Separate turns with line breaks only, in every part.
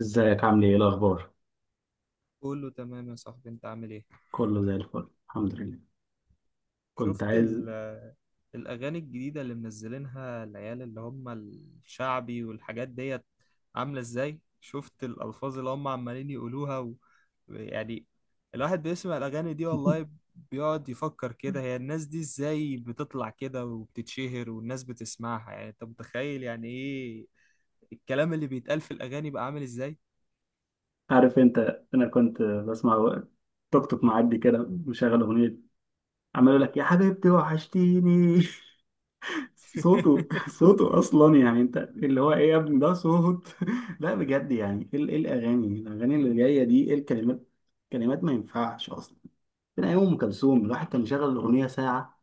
ازيك، عامل ايه؟ ايه الاخبار؟
كله تمام يا صاحبي، انت عامل ايه؟
كله زي الفل، الحمد لله. كنت
شفت
عايز...
الاغاني الجديده اللي منزلينها العيال اللي هم الشعبي والحاجات ديت عامله ازاي؟ شفت الالفاظ اللي هم عمالين يقولوها يعني الواحد بيسمع الاغاني دي والله بيقعد يفكر كده، هي الناس دي ازاي بتطلع كده وبتتشهر والناس بتسمعها؟ يعني انت متخيل يعني ايه الكلام اللي بيتقال في الاغاني بقى عامل ازاي؟
عارف انت، انا كنت بسمع توك توك معدي كده مشغل اغنيه، عمال يقول لك يا حبيبتي وحشتيني. صوته صوته اصلا، يعني انت اللي هو ايه يا ابني ده صوت. لا بجد، يعني ايه إيه الاغاني اللي جايه دي؟ ايه الكلمات؟ كلمات ما ينفعش اصلا. من ايام ام كلثوم، الواحد كان يشغل الاغنيه ساعه،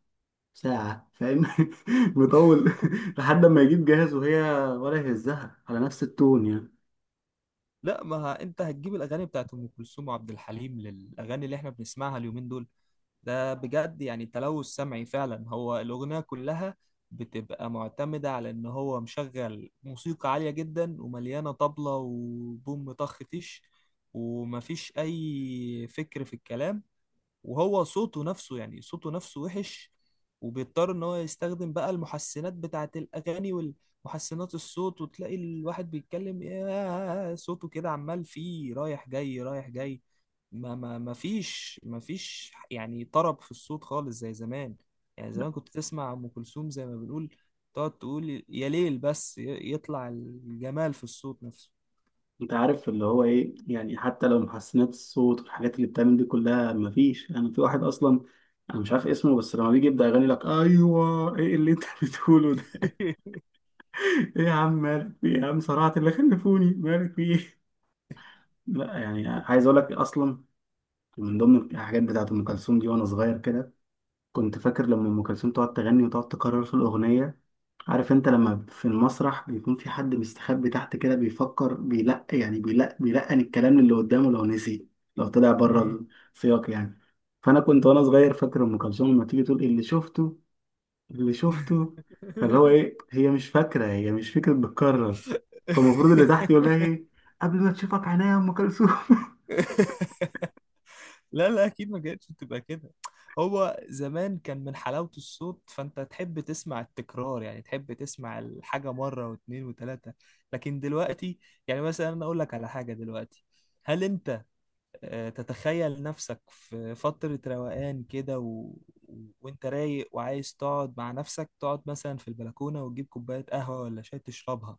ساعة، فاهم؟ مطول. لحد ما يجيب جاهز، وهي ولا يهزها على نفس التون يعني.
لا، ما ه- انت هتجيب الاغاني بتاعت ام كلثوم وعبد الحليم للاغاني اللي احنا بنسمعها اليومين دول؟ ده بجد يعني تلوث سمعي فعلا. هو الاغنيه كلها بتبقى معتمده على ان هو مشغل موسيقى عاليه جدا ومليانه طبله وبوم طخ تيش، ومفيش اي فكر في الكلام. وهو صوته نفسه، يعني صوته نفسه وحش، وبيضطر ان هو يستخدم بقى المحسنات بتاعه الاغاني والمحسنات الصوت. وتلاقي الواحد بيتكلم يا صوته كده عمال فيه رايح جاي رايح جاي. ما فيش يعني طرب في الصوت خالص زي زمان. يعني
لا،
زمان كنت تسمع ام كلثوم زي ما بنقول تقعد تقول يا ليل، يطلع الجمال في الصوت نفسه.
انت عارف اللي هو ايه، يعني حتى لو محسنات الصوت والحاجات اللي بتعمل دي كلها، مفيش. انا يعني في واحد اصلا، انا مش عارف اسمه، بس لما بيجي يبدأ يغني لك، ايوه ايه اللي انت بتقوله ده؟ ايه يا عم، مالك في ايه؟ يا عم صرعت اللي خلفوني، مالك في ايه؟ لا يعني عايز اقول لك، اصلا من ضمن الحاجات بتاعت ام كلثوم دي، وانا صغير كده كنت فاكر لما ام كلثوم تقعد تغني وتقعد تكرر في الاغنيه. عارف انت لما في المسرح بيكون في حد مستخبي تحت كده بيفكر بيلقن الكلام اللي قدامه لو نسي، لو طلع بره
مم.
السياق يعني. فانا كنت وانا صغير فاكر ام كلثوم لما تيجي تقول: اللي شفته اللي شفته، فاللي هو ايه، هي مش فاكره، هي مش فكره، بتكرر. فالمفروض اللي تحت يقول لها ايه: قبل ما تشوفك عينيا يا ام كلثوم.
لا، لا، اكيد ما كانتش بتبقى كده. هو زمان كان من حلاوة الصوت فانت تحب تسمع التكرار، يعني تحب تسمع الحاجة مرة واثنين وثلاثة. لكن دلوقتي، يعني مثلا انا اقول لك على حاجة دلوقتي، هل انت تتخيل نفسك في فترة روقان كده، وانت رايق وعايز تقعد مع نفسك، تقعد مثلا في البلكونة وتجيب كوباية قهوة ولا شاي تشربها،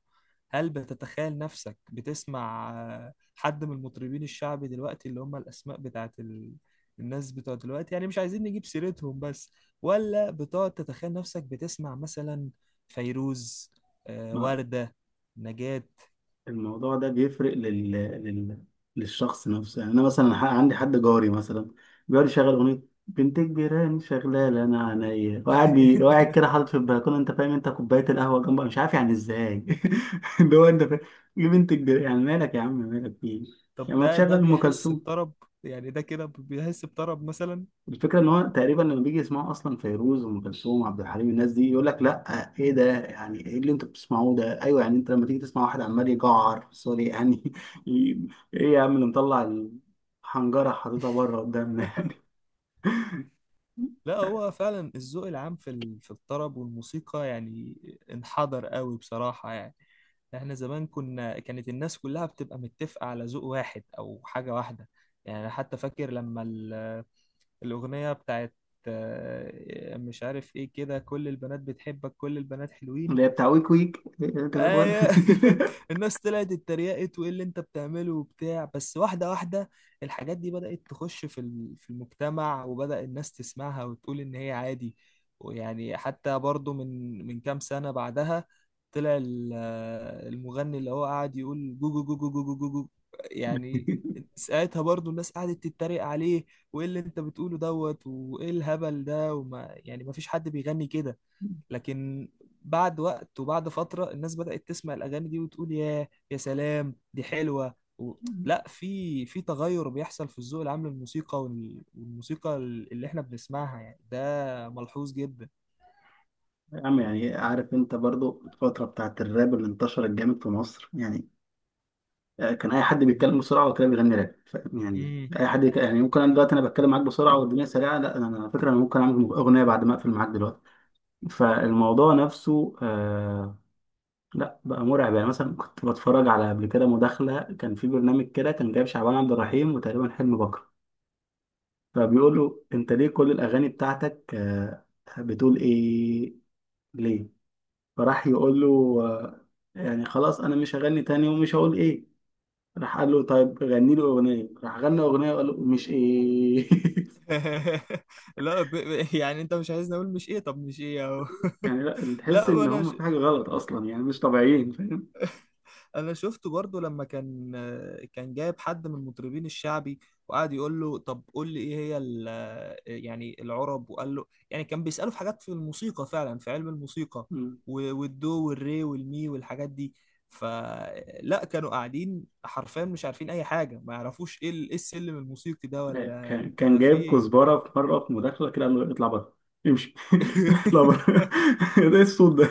هل بتتخيل نفسك بتسمع حد من المطربين الشعبي دلوقتي اللي هم الأسماء بتاعت الناس بتوع دلوقتي، يعني مش عايزين نجيب سيرتهم بس، ولا بتقعد تتخيل نفسك بتسمع مثلا فيروز، وردة، نجاة؟
الموضوع ده بيفرق للشخص نفسه يعني. انا مثلا عندي حد جاري مثلا بيقعد يشغل اغنيه بنت كبيراني شغاله، انا عينيا وقاعد وقاعد كده حاطط في البلكونه، انت فاهم؟ انت كوبايه القهوه جنبه، مش عارف يعني ازاي. اللي هو انت فاهم، ايه بنت كبيراني؟ يعني مالك يا عم؟ مالك فيه؟
طب
يعني ما
ده
تشغل
ده
ام
بيحس
كلثوم.
بطرب؟ يعني ده كده بيحس بطرب مثلا؟
الفكرة إن هو تقريبا لما بيجي يسمعوا أصلا فيروز وأم كلثوم وعبد الحليم، الناس دي يقول لك لأ، إيه ده؟ يعني إيه اللي أنتوا بتسمعوه ده؟ أيوه، يعني أنت لما تيجي تسمع واحد عمال يجعر، سوري يعني، ي- إيه يا عم اللي مطلع الحنجرة حاططها بره قدامنا؟ يعني
لا، هو فعلا الذوق العام في في الطرب والموسيقى يعني انحدر قوي بصراحة يعني. احنا زمان كنا كانت الناس كلها بتبقى متفقة على ذوق واحد او حاجة واحدة. يعني أنا حتى فاكر لما الأغنية بتاعت مش عارف ايه كده، كل البنات بتحبك كل البنات حلوين.
اللي هي بتاع ويك ويك أنت بتقول؟
ايوه، الناس طلعت اتريقت وايه اللي انت بتعمله وبتاع بس واحده واحده. الحاجات دي بدات تخش في في المجتمع، وبدا الناس تسمعها وتقول ان هي عادي. ويعني حتى برضو من كام سنه بعدها طلع المغني اللي هو قاعد يقول جو جو جو جو جو جو جو جو. يعني ساعتها برضو الناس قعدت تتريق عليه، وايه اللي انت بتقوله دوت وايه الهبل ده، وما يعني ما فيش حد بيغني كده. لكن بعد وقت وبعد فترة الناس بدأت تسمع الأغاني دي وتقول يا سلام دي حلوة لا، في تغير بيحصل في الذوق العام للموسيقى والموسيقى اللي احنا بنسمعها، يعني ده ملحوظ جدا.
يا عم، يعني عارف أنت برضو الفترة بتاعت الراب اللي انتشرت جامد في مصر يعني. آه، كان اي حد بيتكلم بسرعه وكان بيغني راب، فاهم؟ يعني
مم.
اي حد يعني ممكن انا دلوقتي انا بتكلم معاك بسرعه والدنيا سريعه، لا انا على فكره انا ممكن اعمل اغنيه بعد ما اقفل معاك دلوقتي. فالموضوع نفسه آه، لا بقى مرعب. يعني مثلا كنت بتفرج على قبل كده مداخله، كان في برنامج كده كان جايب شعبان عبد الرحيم، وتقريبا حلمي بكر، فبيقول له: انت ليه كل الاغاني بتاعتك آه بتقول ايه؟ ليه؟ فراح يقول له: آه، يعني خلاص انا مش هغني تاني ومش هقول ايه. راح قال له طيب غني لي اغنيه، راح غنى اغنيه، وقال له: مش ايه.
لا يعني انت مش عايزني اقول مش ايه؟ طب مش ايه اهو.
يعني لا، تحس
لا
ان
انا،
هم في حاجه غلط اصلا، يعني مش طبيعيين، فاهم؟
انا شفته برضو لما كان كان جايب حد من المطربين الشعبي وقعد يقول له طب قول لي ايه هي يعني العرب، وقال له، يعني كان بيسأله في حاجات في الموسيقى فعلا في علم الموسيقى،
مم.
والدو والري والمي والحاجات دي، فلا كانوا قاعدين حرفيا مش عارفين اي حاجة، ما يعرفوش ايه إيه السلم الموسيقي ده
آه،
ولا
كان
انت
كان
في
جايب
ايه.
كزبره في مره في مداخله كده، قال له: اطلع بره، امشي. اطلع بره. ده إيه الصوت ده؟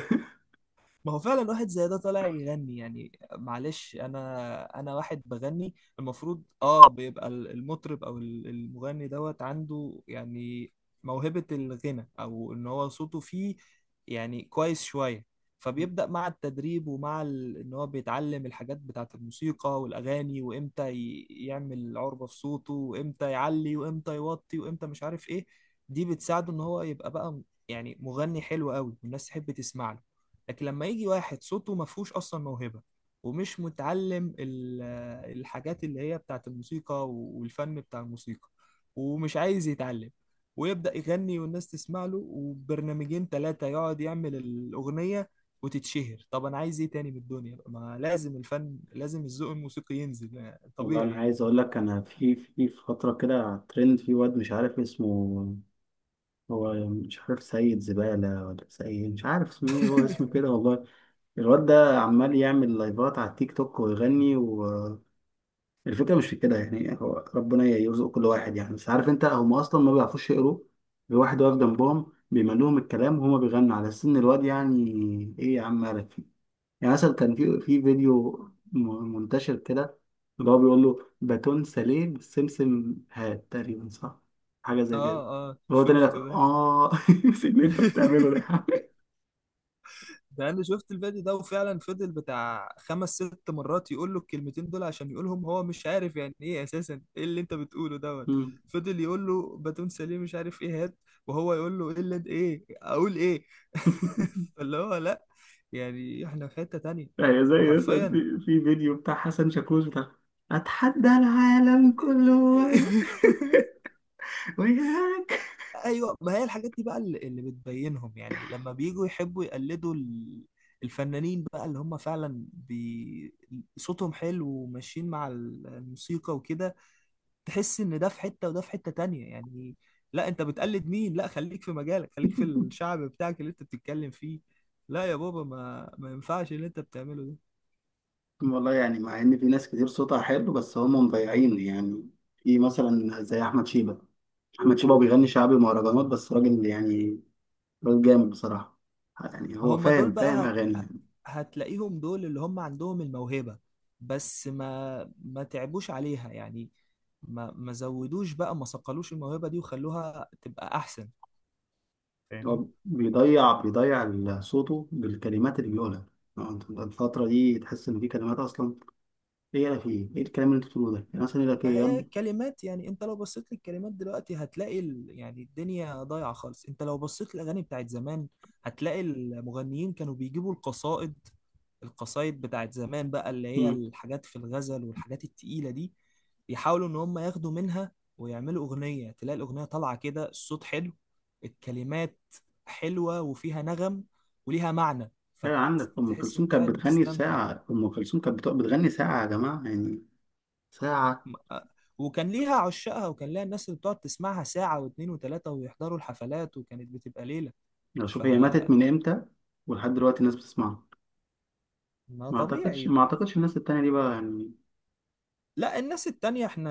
ما هو فعلا واحد زي ده طالع يغني، يعني معلش، انا انا واحد بغني المفروض اه بيبقى المطرب او المغني دوت عنده يعني موهبة الغنى او ان هو صوته فيه يعني كويس شوية، فبيبدأ مع التدريب ومع ان هو بيتعلم الحاجات بتاعة الموسيقى والاغاني، وامتى يعمل عربة في صوته، وامتى يعلي وامتى يوطي وامتى مش عارف ايه. دي بتساعده ان هو يبقى بقى يعني مغني حلو قوي والناس تحب تسمع له. لكن لما يجي واحد صوته ما فيهوش اصلا موهبه، ومش متعلم الحاجات اللي هي بتاعت الموسيقى والفن بتاع الموسيقى، ومش عايز يتعلم، ويبدأ يغني والناس تسمع له وبرنامجين ثلاثة يقعد يعمل الأغنية وتتشهر. طب أنا عايز إيه تاني من الدنيا؟ ما لازم الفن لازم الذوق الموسيقي ينزل يعني
والله انا
طبيعي يعني.
عايز اقول لك، انا في فتره كده ترند في واد مش عارف اسمه، هو مش عارف سيد زبالة ولا سيد، مش عارف اسمه ايه، هو اسمه كده والله. الواد ده عمال يعمل لايفات على التيك توك ويغني. الفكرة مش في كده، يعني هو ربنا يرزق كل واحد يعني، بس عارف انت هم اصلا ما بيعرفوش يقروا. الواحد واقف جنبهم بيملوهم الكلام، وهما بيغنوا على سن الواد يعني. ايه يا عم، مالك فيه؟ يعني مثلا كان في فيديو منتشر كده اللي هو بيقول له: باتون ساليه بالسمسم هات، تقريبا صح حاجة
آه،
زي كده.
آه
هو تاني لك،
شفته ده.
اه؟ نسيت اللي انت بتعمله ده يا حبيبي.
ده انا شفت الفيديو ده وفعلا فضل بتاع خمس ست مرات يقول له الكلمتين دول عشان يقولهم، هو مش عارف يعني ايه اساسا ايه اللي انت بتقوله دوت. فضل يقول له باتون سليم مش عارف ايه هات، وهو يقول له ايه اللي انت ايه اقول ايه. فاللي هو لا، يعني احنا في حتة تانية
هي زي مثلا
وحرفيا.
في فيديو بتاع حسن شاكوش بتاع اتحدى العالم كله وياك.
ايوه، ما هي الحاجات دي بقى اللي بتبينهم يعني لما بييجوا يحبوا يقلدوا الفنانين بقى اللي هم فعلا صوتهم حلو وماشيين مع الموسيقى وكده. تحس ان ده في حتة وده في حتة تانية يعني. لا انت بتقلد مين؟ لا خليك في مجالك، خليك في الشعب بتاعك اللي انت بتتكلم فيه، لا يا بابا ما ينفعش اللي انت بتعمله ده.
والله يعني، مع ان في ناس كتير صوتها حلو بس هم مضيعين يعني، في مثلا زي احمد شيبة. احمد شيبة بيغني شعبي ومهرجانات، بس راجل يعني، راجل جامد بصراحة. يعني
ما
هو
هم دول
فاهم، فاهم
بقى
اغاني يعني.
هتلاقيهم دول اللي هم عندهم الموهبة، بس ما تعبوش عليها يعني، ما زودوش بقى ما صقلوش الموهبة دي وخلوها تبقى أحسن. فاهمني؟
هو بيضيع صوته بالكلمات اللي بيقولها. يعني أنت الفترة دي تحس إن في كلمات أصلا، إيه يا أخي، إيه الكلام اللي أنت بتقوله ده؟ يعني مثلا يقول لك
ما
إيه؟
هي كلمات، يعني انت لو بصيت للكلمات دلوقتي هتلاقي يعني الدنيا ضايعة خالص. انت لو بصيت للاغاني بتاعت زمان هتلاقي المغنيين كانوا بيجيبوا القصائد، القصائد بتاعت زمان بقى اللي هي
يلا.
الحاجات في الغزل والحاجات التقيلة دي، يحاولوا ان هم ياخدوا منها ويعملوا اغنية. تلاقي الاغنية طالعة كده، الصوت حلو، الكلمات حلوة وفيها نغم وليها معنى.
لا عندك أم
فتحس
كلثوم
انت
كانت
قاعد
بتغني
بتستمتع.
ساعة، أم كلثوم كانت بتغني ساعة يا جماعة يعني، ساعة.
م- آه، وكان ليها عشاقها وكان ليها الناس اللي بتقعد تسمعها ساعة واتنين وتلاتة ويحضروا الحفلات وكانت بتبقى ليلة.
لو
ف
شوف هي ماتت من إمتى، ولحد دلوقتي الناس بتسمعها.
ما
ما أعتقدش
طبيعي.
ما أعتقدش الناس التانية دي بقى يعني.
لا الناس التانية احنا،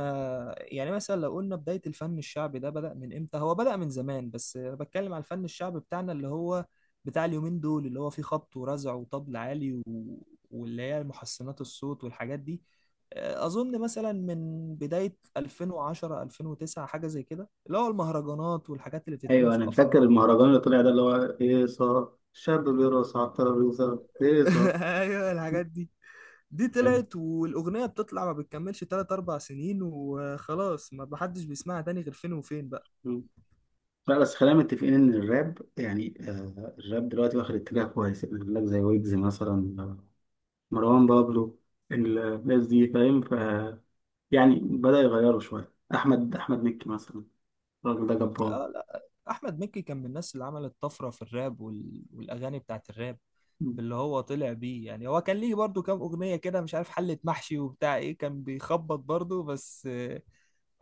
يعني مثلا لو قلنا بداية الفن الشعبي ده بدأ من امتى؟ هو بدأ من زمان، بس انا بتكلم على الفن الشعبي بتاعنا اللي هو بتاع اليومين دول اللي هو فيه خبط ورزع وطبل عالي واللي هي محسنات الصوت والحاجات دي. اه، اظن مثلا من بداية 2010 2009 حاجة زي كده، اللي هو المهرجانات والحاجات اللي بتتعمل
أيوه
في
أنا فاكر
الافراح
المهرجان اللي طلع ده اللي هو هيصة، الشاب بيرقص على الترابيزة هيصة.
ايوه الحاجات دي طلعت والاغنية بتطلع ما بتكملش 3 4 سنين وخلاص، ما حدش بيسمعها تاني غير فين وفين.
لا بس خلينا متفقين إن الراب يعني الراب دلوقتي واخد اتجاه كويس، يقول لك زي ويجز مثلا، مروان بابلو، الناس دي فاهم، يعني بدأ يغيره شوية، أحمد مكي مثلا، الراجل ده
آه
جبار.
لا، احمد مكي كان من الناس اللي عملت طفره في الراب والاغاني بتاعت الراب،
م-
باللي هو طلع بيه. يعني هو كان ليه برضو كام اغنيه كده مش عارف حله محشي وبتاع ايه، كان بيخبط برضو بس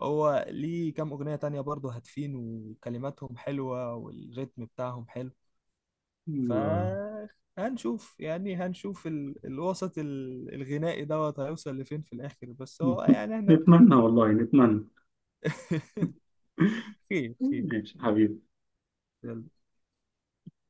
هو ليه كام اغنيه تانية برضو هادفين وكلماتهم حلوه والريتم بتاعهم حلو. ف
م-
هنشوف يعني هنشوف الوسط الغنائي دوت هيوصل لفين في الاخر، بس هو يعني احنا
نتمنى والله، نتمنى.
خير خير.
ماشي حبيبي.
يلا.